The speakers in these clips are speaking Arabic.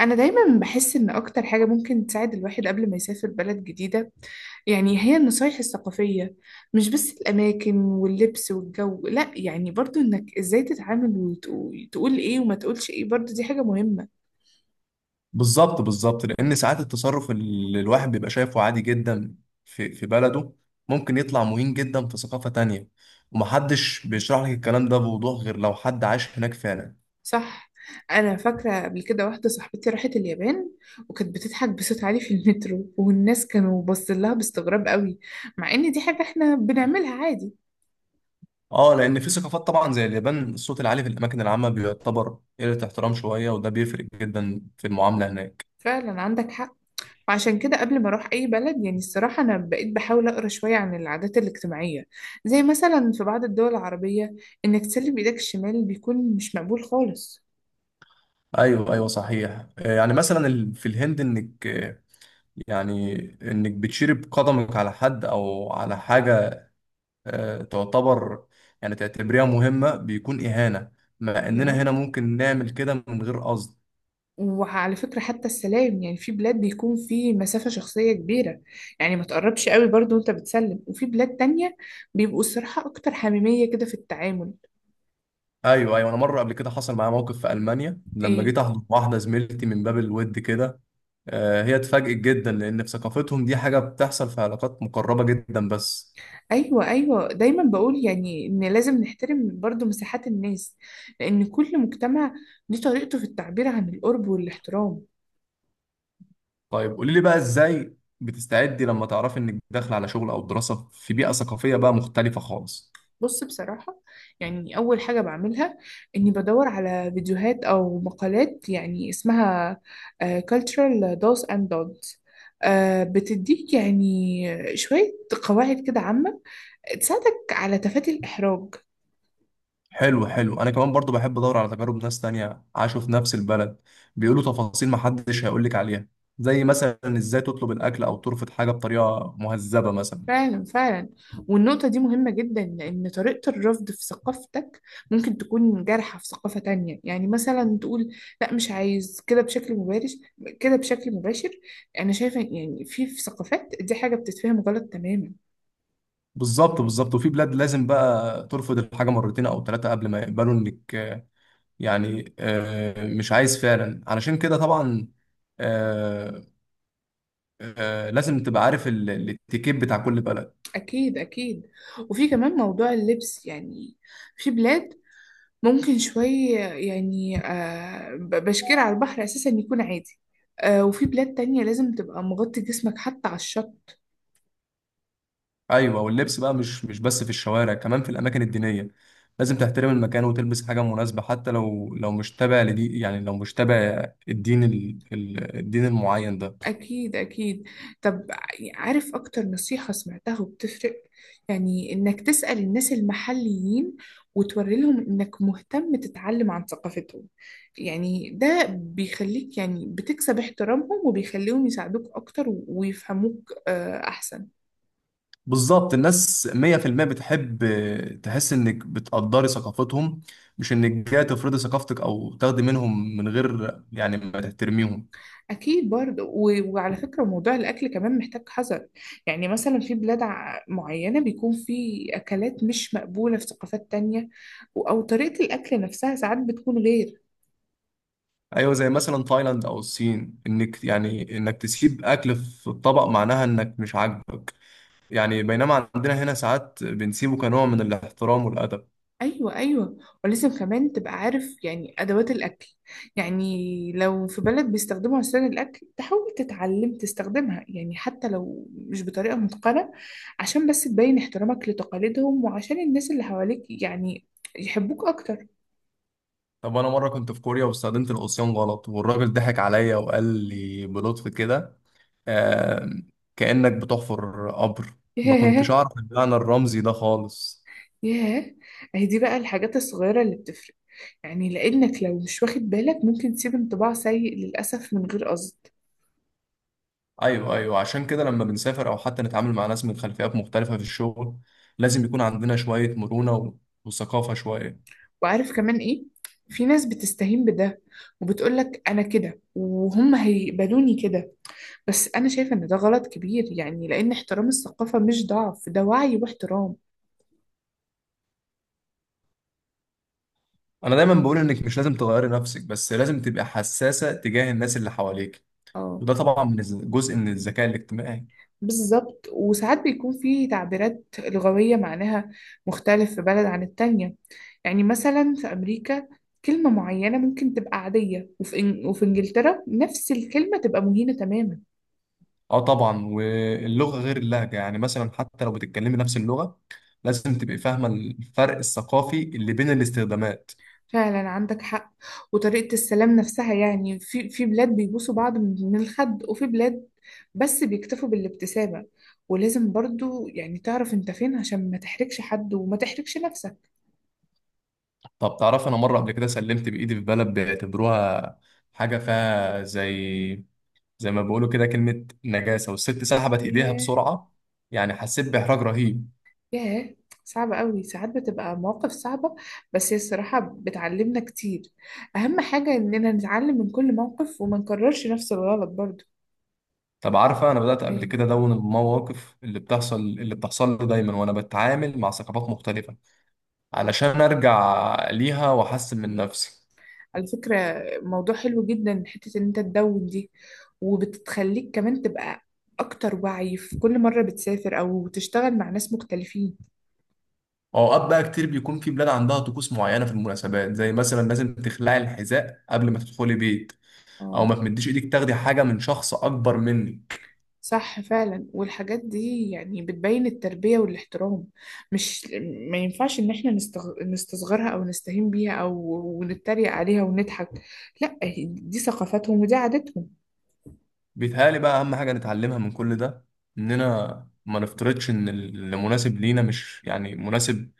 أنا دايما بحس إن أكتر حاجة ممكن تساعد الواحد قبل ما يسافر بلد جديدة. يعني هي النصايح الثقافية، مش بس الأماكن واللبس والجو. لأ، يعني برضو إنك إزاي تتعامل وتقول إيه وما تقولش إيه، برضو دي حاجة مهمة. بالظبط بالظبط لان ساعات التصرف اللي الواحد بيبقى شايفه عادي جدا في بلده، ممكن يطلع مهين جدا في ثقافة تانية. ومحدش بيشرح لك الكلام ده بوضوح غير لو حد عاش هناك فعلا. صح. أنا فاكرة قبل كده واحدة صاحبتي راحت اليابان وكانت بتضحك بصوت عالي في المترو، والناس كانوا باصين لها باستغراب قوي، مع إن دي حاجة إحنا بنعملها عادي. اه، لان في ثقافات طبعا زي اليابان الصوت العالي في الاماكن العامة بيعتبر قلة احترام شوية، وده بيفرق جدا في المعاملة هناك. فعلا عندك حق. فعشان كده قبل ما اروح اي بلد، يعني الصراحه انا بقيت بحاول اقرا شويه عن العادات الاجتماعيه. زي مثلا في بعض الدول العربيه، انك تسلم بايدك الشمال بيكون مش مقبول خالص. ايوه ايوه صحيح، يعني مثلا في الهند انك يعني انك بتشير بقدمك على حد او على حاجة، تعتبر يعني تعتبريها مهمة، بيكون إهانة، مع يا. إننا هنا ممكن نعمل كده من غير قصد. وعلى فكره، حتى السلام يعني في بلاد بيكون في مسافه شخصيه كبيره، يعني ما تقربش قوي برضو وانت بتسلم. وفي بلاد تانية بيبقوا الصراحه اكتر حميميه كده في التعامل. أيوه أيوه، أنا مرة قبل كده حصل معايا موقف في ألمانيا لما ايه. جيت أحضن واحدة زميلتي من باب الود كده. هي اتفاجئت جدا، لأن في ثقافتهم دي حاجة بتحصل في علاقات مقربة جدا بس. ايوه ايوه، دايما بقول يعني ان لازم نحترم برضو مساحات الناس، لان كل مجتمع ليه طريقته في التعبير عن القرب والاحترام. طيب، قولي لي بقى إزاي بتستعدي لما تعرفي إنك داخلة على شغل أو دراسة في بيئة ثقافية بقى مختلفة خالص؟ بص بصراحة، يعني أول حاجة بعملها إني بدور على فيديوهات أو مقالات يعني اسمها cultural do's and don'ts. بتديك يعني شوية قواعد كده عامة تساعدك على تفادي الإحراج. حلو حلو، انا كمان برضو بحب ادور على تجارب ناس تانية عاشوا في نفس البلد. بيقولوا تفاصيل محدش هيقولك عليها، زي مثلا ازاي تطلب الاكل او ترفض حاجة بطريقة مهذبة مثلا. فعلا فعلا، والنقطة دي مهمة جدا، لأن طريقة الرفض في ثقافتك ممكن تكون جارحة في ثقافة تانية. يعني مثلا تقول لا مش عايز كده بشكل مباشر كده بشكل مباشر، أنا شايفة يعني في ثقافات دي حاجة بتتفهم غلط تماما. بالظبط بالظبط، وفي بلاد لازم بقى ترفض الحاجة مرتين او ثلاثة قبل ما يقبلوا انك يعني مش عايز فعلا. علشان كده طبعا آه، لازم تبقى عارف الاتيكيت بتاع كل بلد. أكيد أكيد. وفي كمان موضوع اللبس، يعني في بلاد ممكن شوية يعني بشكير على البحر أساسا يكون عادي، وفي بلاد تانية لازم تبقى مغطي جسمك حتى على الشط. ايوه، واللبس بقى مش بس في الشوارع، كمان في الاماكن الدينيه لازم تحترم المكان وتلبس حاجه مناسبه، حتى لو مش تابع لدي، يعني لو مش تابع الدين الدين المعين ده. أكيد أكيد. طب عارف أكتر نصيحة سمعتها وبتفرق؟ يعني إنك تسأل الناس المحليين وتوري لهم إنك مهتم تتعلم عن ثقافتهم. يعني ده بيخليك يعني بتكسب احترامهم وبيخليهم يساعدوك أكتر ويفهموك أحسن. بالظبط، الناس 100% بتحب تحس انك بتقدري ثقافتهم، مش انك جاي تفرضي ثقافتك او تاخدي منهم من غير يعني ما تحترميهم. أكيد برضه. وعلى فكرة موضوع الأكل كمان محتاج حذر. يعني مثلا في بلاد معينة بيكون في أكلات مش مقبولة في ثقافات تانية، أو طريقة الأكل نفسها ساعات بتكون غير. ايوه، زي مثلا تايلاند او الصين انك يعني انك تسيب اكل في الطبق معناها انك مش عاجبك، يعني بينما عندنا هنا ساعات بنسيبه كنوع من الاحترام والأدب. ايوه ايوه. ولازم كمان تبقى عارف يعني ادوات الاكل، يعني لو في بلد بيستخدموا عصيان الاكل تحاول تتعلم تستخدمها، يعني حتى لو مش بطريقه متقنه، عشان بس تبين احترامك لتقاليدهم، وعشان الناس اللي حواليك يعني يحبوك اكتر. طب أنا مرة كنت في كوريا واستخدمت العصيان غلط، والراجل ضحك عليا وقال لي بلطف كده، آه، كأنك بتحفر قبر. ما كنتش ياه. أعرف المعنى الرمزي ده خالص. ياه، اهي دي بقى الحاجات الصغيره اللي بتفرق، يعني لانك لو مش واخد بالك ممكن تسيب انطباع سيء للاسف من غير قصد. أيوه أيوه، عشان كده لما بنسافر أو حتى نتعامل مع ناس من خلفيات مختلفة في الشغل، لازم يكون عندنا شوية مرونة وثقافة شوية. وعارف كمان ايه؟ في ناس بتستهين بده وبتقولك انا كده وهم هيقبلوني كده، بس انا شايفة ان ده غلط كبير، يعني لان احترام الثقافة مش ضعف، ده وعي واحترام. أنا دايما بقول إنك مش لازم تغيري نفسك، بس لازم تبقى حساسة تجاه الناس اللي حواليك. اه. وده طبعا من جزء من الذكاء الاجتماعي. بالظبط، وساعات بيكون في تعبيرات لغوية معناها مختلف في بلد عن التانية. يعني مثلا في امريكا كلمة معينة ممكن تبقى عادية، وفي انجلترا نفس الكلمة تبقى مهينة تماما. اه طبعا، واللغه غير اللهجه، يعني مثلا حتى لو بتتكلمي نفس اللغه لازم تبقي فاهمه الفرق الثقافي اللي بين الاستخدامات. فعلا عندك حق. وطريقة السلام نفسها يعني، في بلاد بيبوسوا بعض من الخد، وفي بلاد بس بيكتفوا بالابتسامة، ولازم برضو يعني تعرف انت فين عشان ما تحرجش حد وما تحرجش نفسك. طب تعرف، انا مره قبل كده سلمت بايدي في بلد بيعتبروها حاجه فيها زي، ما بيقولوا كده، كلمه نجاسه، والست سحبت ايديها ياه. بسرعه. يعني حسيت باحراج رهيب. ياه، صعبة قوي، ساعات بتبقى مواقف صعبة، بس هي الصراحة بتعلمنا كتير. أهم حاجة إننا نتعلم من كل موقف وما نكررش نفس الغلط برضو. طب عارفه، انا بدات قبل كده ادون المواقف اللي بتحصل لي دايما وانا بتعامل مع ثقافات مختلفه، علشان ارجع ليها واحسن من نفسي. على فكرة موضوع حلو جدا حتة ان انت تدون دي، وبتخليك كمان تبقى اكتر وعي في كل مرة بتسافر او تشتغل مع ناس مختلفين. اوقات بقى كتير بيكون في بلاد عندها طقوس معينه في المناسبات، زي مثلا لازم تخلعي الحذاء قبل ما تدخلي بيت، او اه. ما تمديش ايدك تاخدي حاجه من شخص اكبر منك. صح فعلا، والحاجات دي يعني بتبين التربية والاحترام. مش، ما ينفعش ان احنا نستغ... نستصغرها او نستهين بيها او ونتريق عليها ونضحك. لا، دي ثقافتهم ودي عاداتهم. بيتهيألي بقى اهم حاجه نتعلمها من كل ده، اننا ما نفترضش ان اللي مناسب لينا مش يعني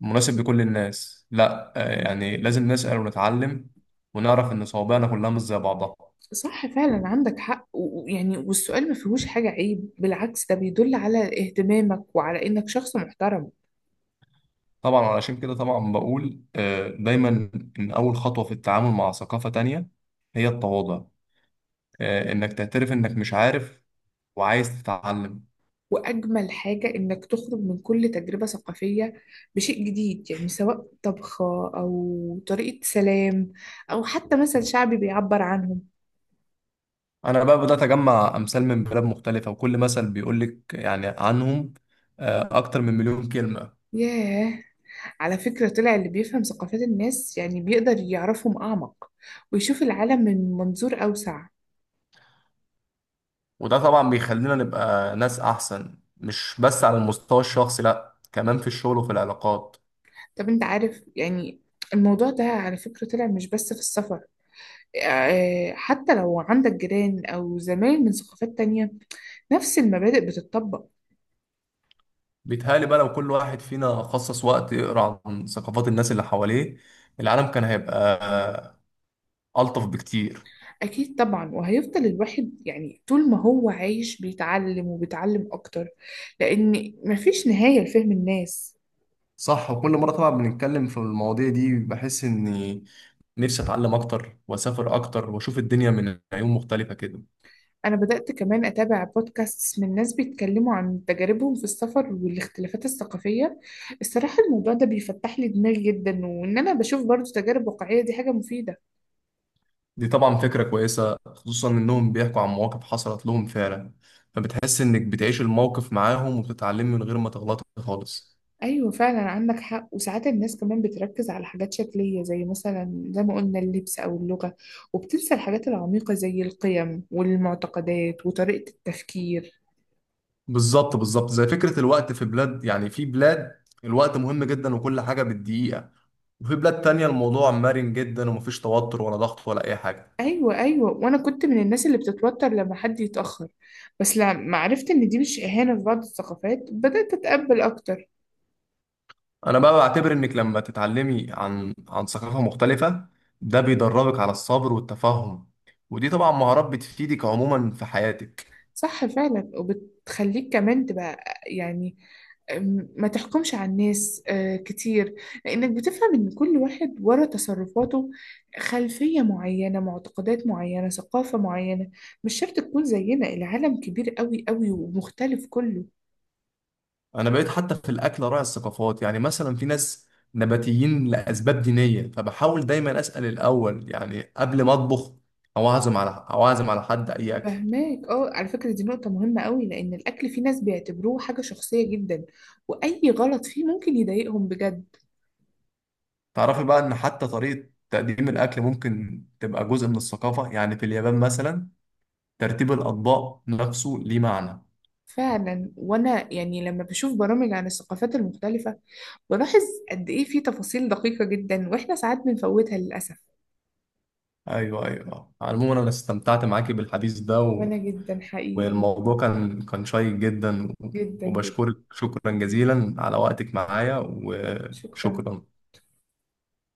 مناسب لكل الناس. لا، يعني لازم نسأل ونتعلم، ونعرف ان صوابعنا كلها مش زي بعضها. صح فعلا عندك حق. ويعني والسؤال ما فيهوش حاجة عيب، بالعكس ده بيدل على اهتمامك وعلى إنك شخص محترم. طبعا علشان كده طبعا بقول دايما ان اول خطوه في التعامل مع ثقافه تانية هي التواضع. انك تعترف انك مش عارف وعايز تتعلم. وأجمل حاجة إنك تخرج من كل تجربة ثقافية بشيء جديد، يعني سواء طبخة أو طريقة سلام أو حتى مثل شعبي بيعبر عنهم. انا بقى بدات اجمع امثال من بلاد مختلفه، وكل مثل بيقول لك يعني عنهم اكتر من 1000000 كلمه. ياه. على فكرة طلع اللي بيفهم ثقافات الناس يعني بيقدر يعرفهم أعمق ويشوف العالم من منظور أوسع. وده طبعا بيخلينا نبقى ناس احسن، مش بس على المستوى الشخصي، لا، كمان في الشغل وفي العلاقات. طب أنت عارف يعني الموضوع ده على فكرة طلع مش بس في السفر؟ حتى لو عندك جيران أو زمايل من ثقافات تانية نفس المبادئ بتطبق. بيتهيألي بقى لو كل واحد فينا خصص وقت يقرأ عن ثقافات الناس اللي حواليه، العالم كان هيبقى ألطف بكتير. أكيد طبعا، وهيفضل الواحد يعني طول ما هو عايش بيتعلم وبيتعلم أكتر، لأن مفيش نهاية لفهم الناس. صح، وكل مرة طبعا بنتكلم في المواضيع دي بحس إني نفسي أتعلم أكتر وأسافر أكتر وأشوف الدنيا من عيون مختلفة كده. أنا بدأت كمان أتابع بودكاست من ناس بيتكلموا عن تجاربهم في السفر والاختلافات الثقافية. الصراحة الموضوع ده بيفتح لي دماغي جدا، وإن أنا بشوف برضو تجارب واقعية دي حاجة مفيدة. دي طبعا فكرة كويسة، خصوصا إنهم بيحكوا عن مواقف حصلت لهم فعلا، فبتحس إنك بتعيش الموقف معاهم وبتتعلم من غير ما تغلط خالص. ايوه فعلا عندك حق. وساعات الناس كمان بتركز على حاجات شكليه زي مثلا زي ما قلنا اللبس او اللغه، وبتنسى الحاجات العميقه زي القيم والمعتقدات وطريقه التفكير. بالظبط بالظبط، زي فكرة الوقت في بلاد، يعني في بلاد الوقت مهم جدا وكل حاجة بالدقيقة، وفي بلاد تانية الموضوع مرن جدا، ومفيش توتر ولا ضغط ولا أي حاجة. ايوه ايوه، وانا كنت من الناس اللي بتتوتر لما حد يتاخر، بس لما عرفت ان دي مش اهانه في بعض الثقافات بدات اتقبل اكتر. انا بقى بعتبر انك لما تتعلمي عن ثقافة مختلفة، ده بيدربك على الصبر والتفهم، ودي طبعا مهارات بتفيدك عموما في حياتك. صح فعلا، وبتخليك كمان تبقى يعني، ما تحكمش على الناس كتير، لأنك بتفهم إن كل واحد ورا تصرفاته خلفية معينة، معتقدات معينة، ثقافة معينة، مش شرط تكون زينا. العالم كبير قوي قوي ومختلف كله. انا بقيت حتى في الاكل راعي الثقافات، يعني مثلا في ناس نباتيين لاسباب دينية، فبحاول دايما اسأل الاول يعني قبل ما اطبخ او اعزم على حد اي اكل. فهماك. اه، على فكرة دي نقطة مهمة قوي، لأن الأكل في ناس بيعتبروه حاجة شخصية جدا، وأي غلط فيه ممكن يضايقهم بجد. تعرفي بقى ان حتى طريقة تقديم الاكل ممكن تبقى جزء من الثقافة، يعني في اليابان مثلا ترتيب الاطباق نفسه ليه معنى. فعلا، وانا يعني لما بشوف برامج عن الثقافات المختلفة بلاحظ قد ايه في تفاصيل دقيقة جدا واحنا ساعات بنفوتها للأسف. ايوه ايوه، عموما انا استمتعت معاكي بالحديث ده وانا جدا حقيقي. والموضوع كان شيق جدا جدا جدا. وبشكرك شكرا جزيلا على وقتك معايا، شكرا. وشكرا.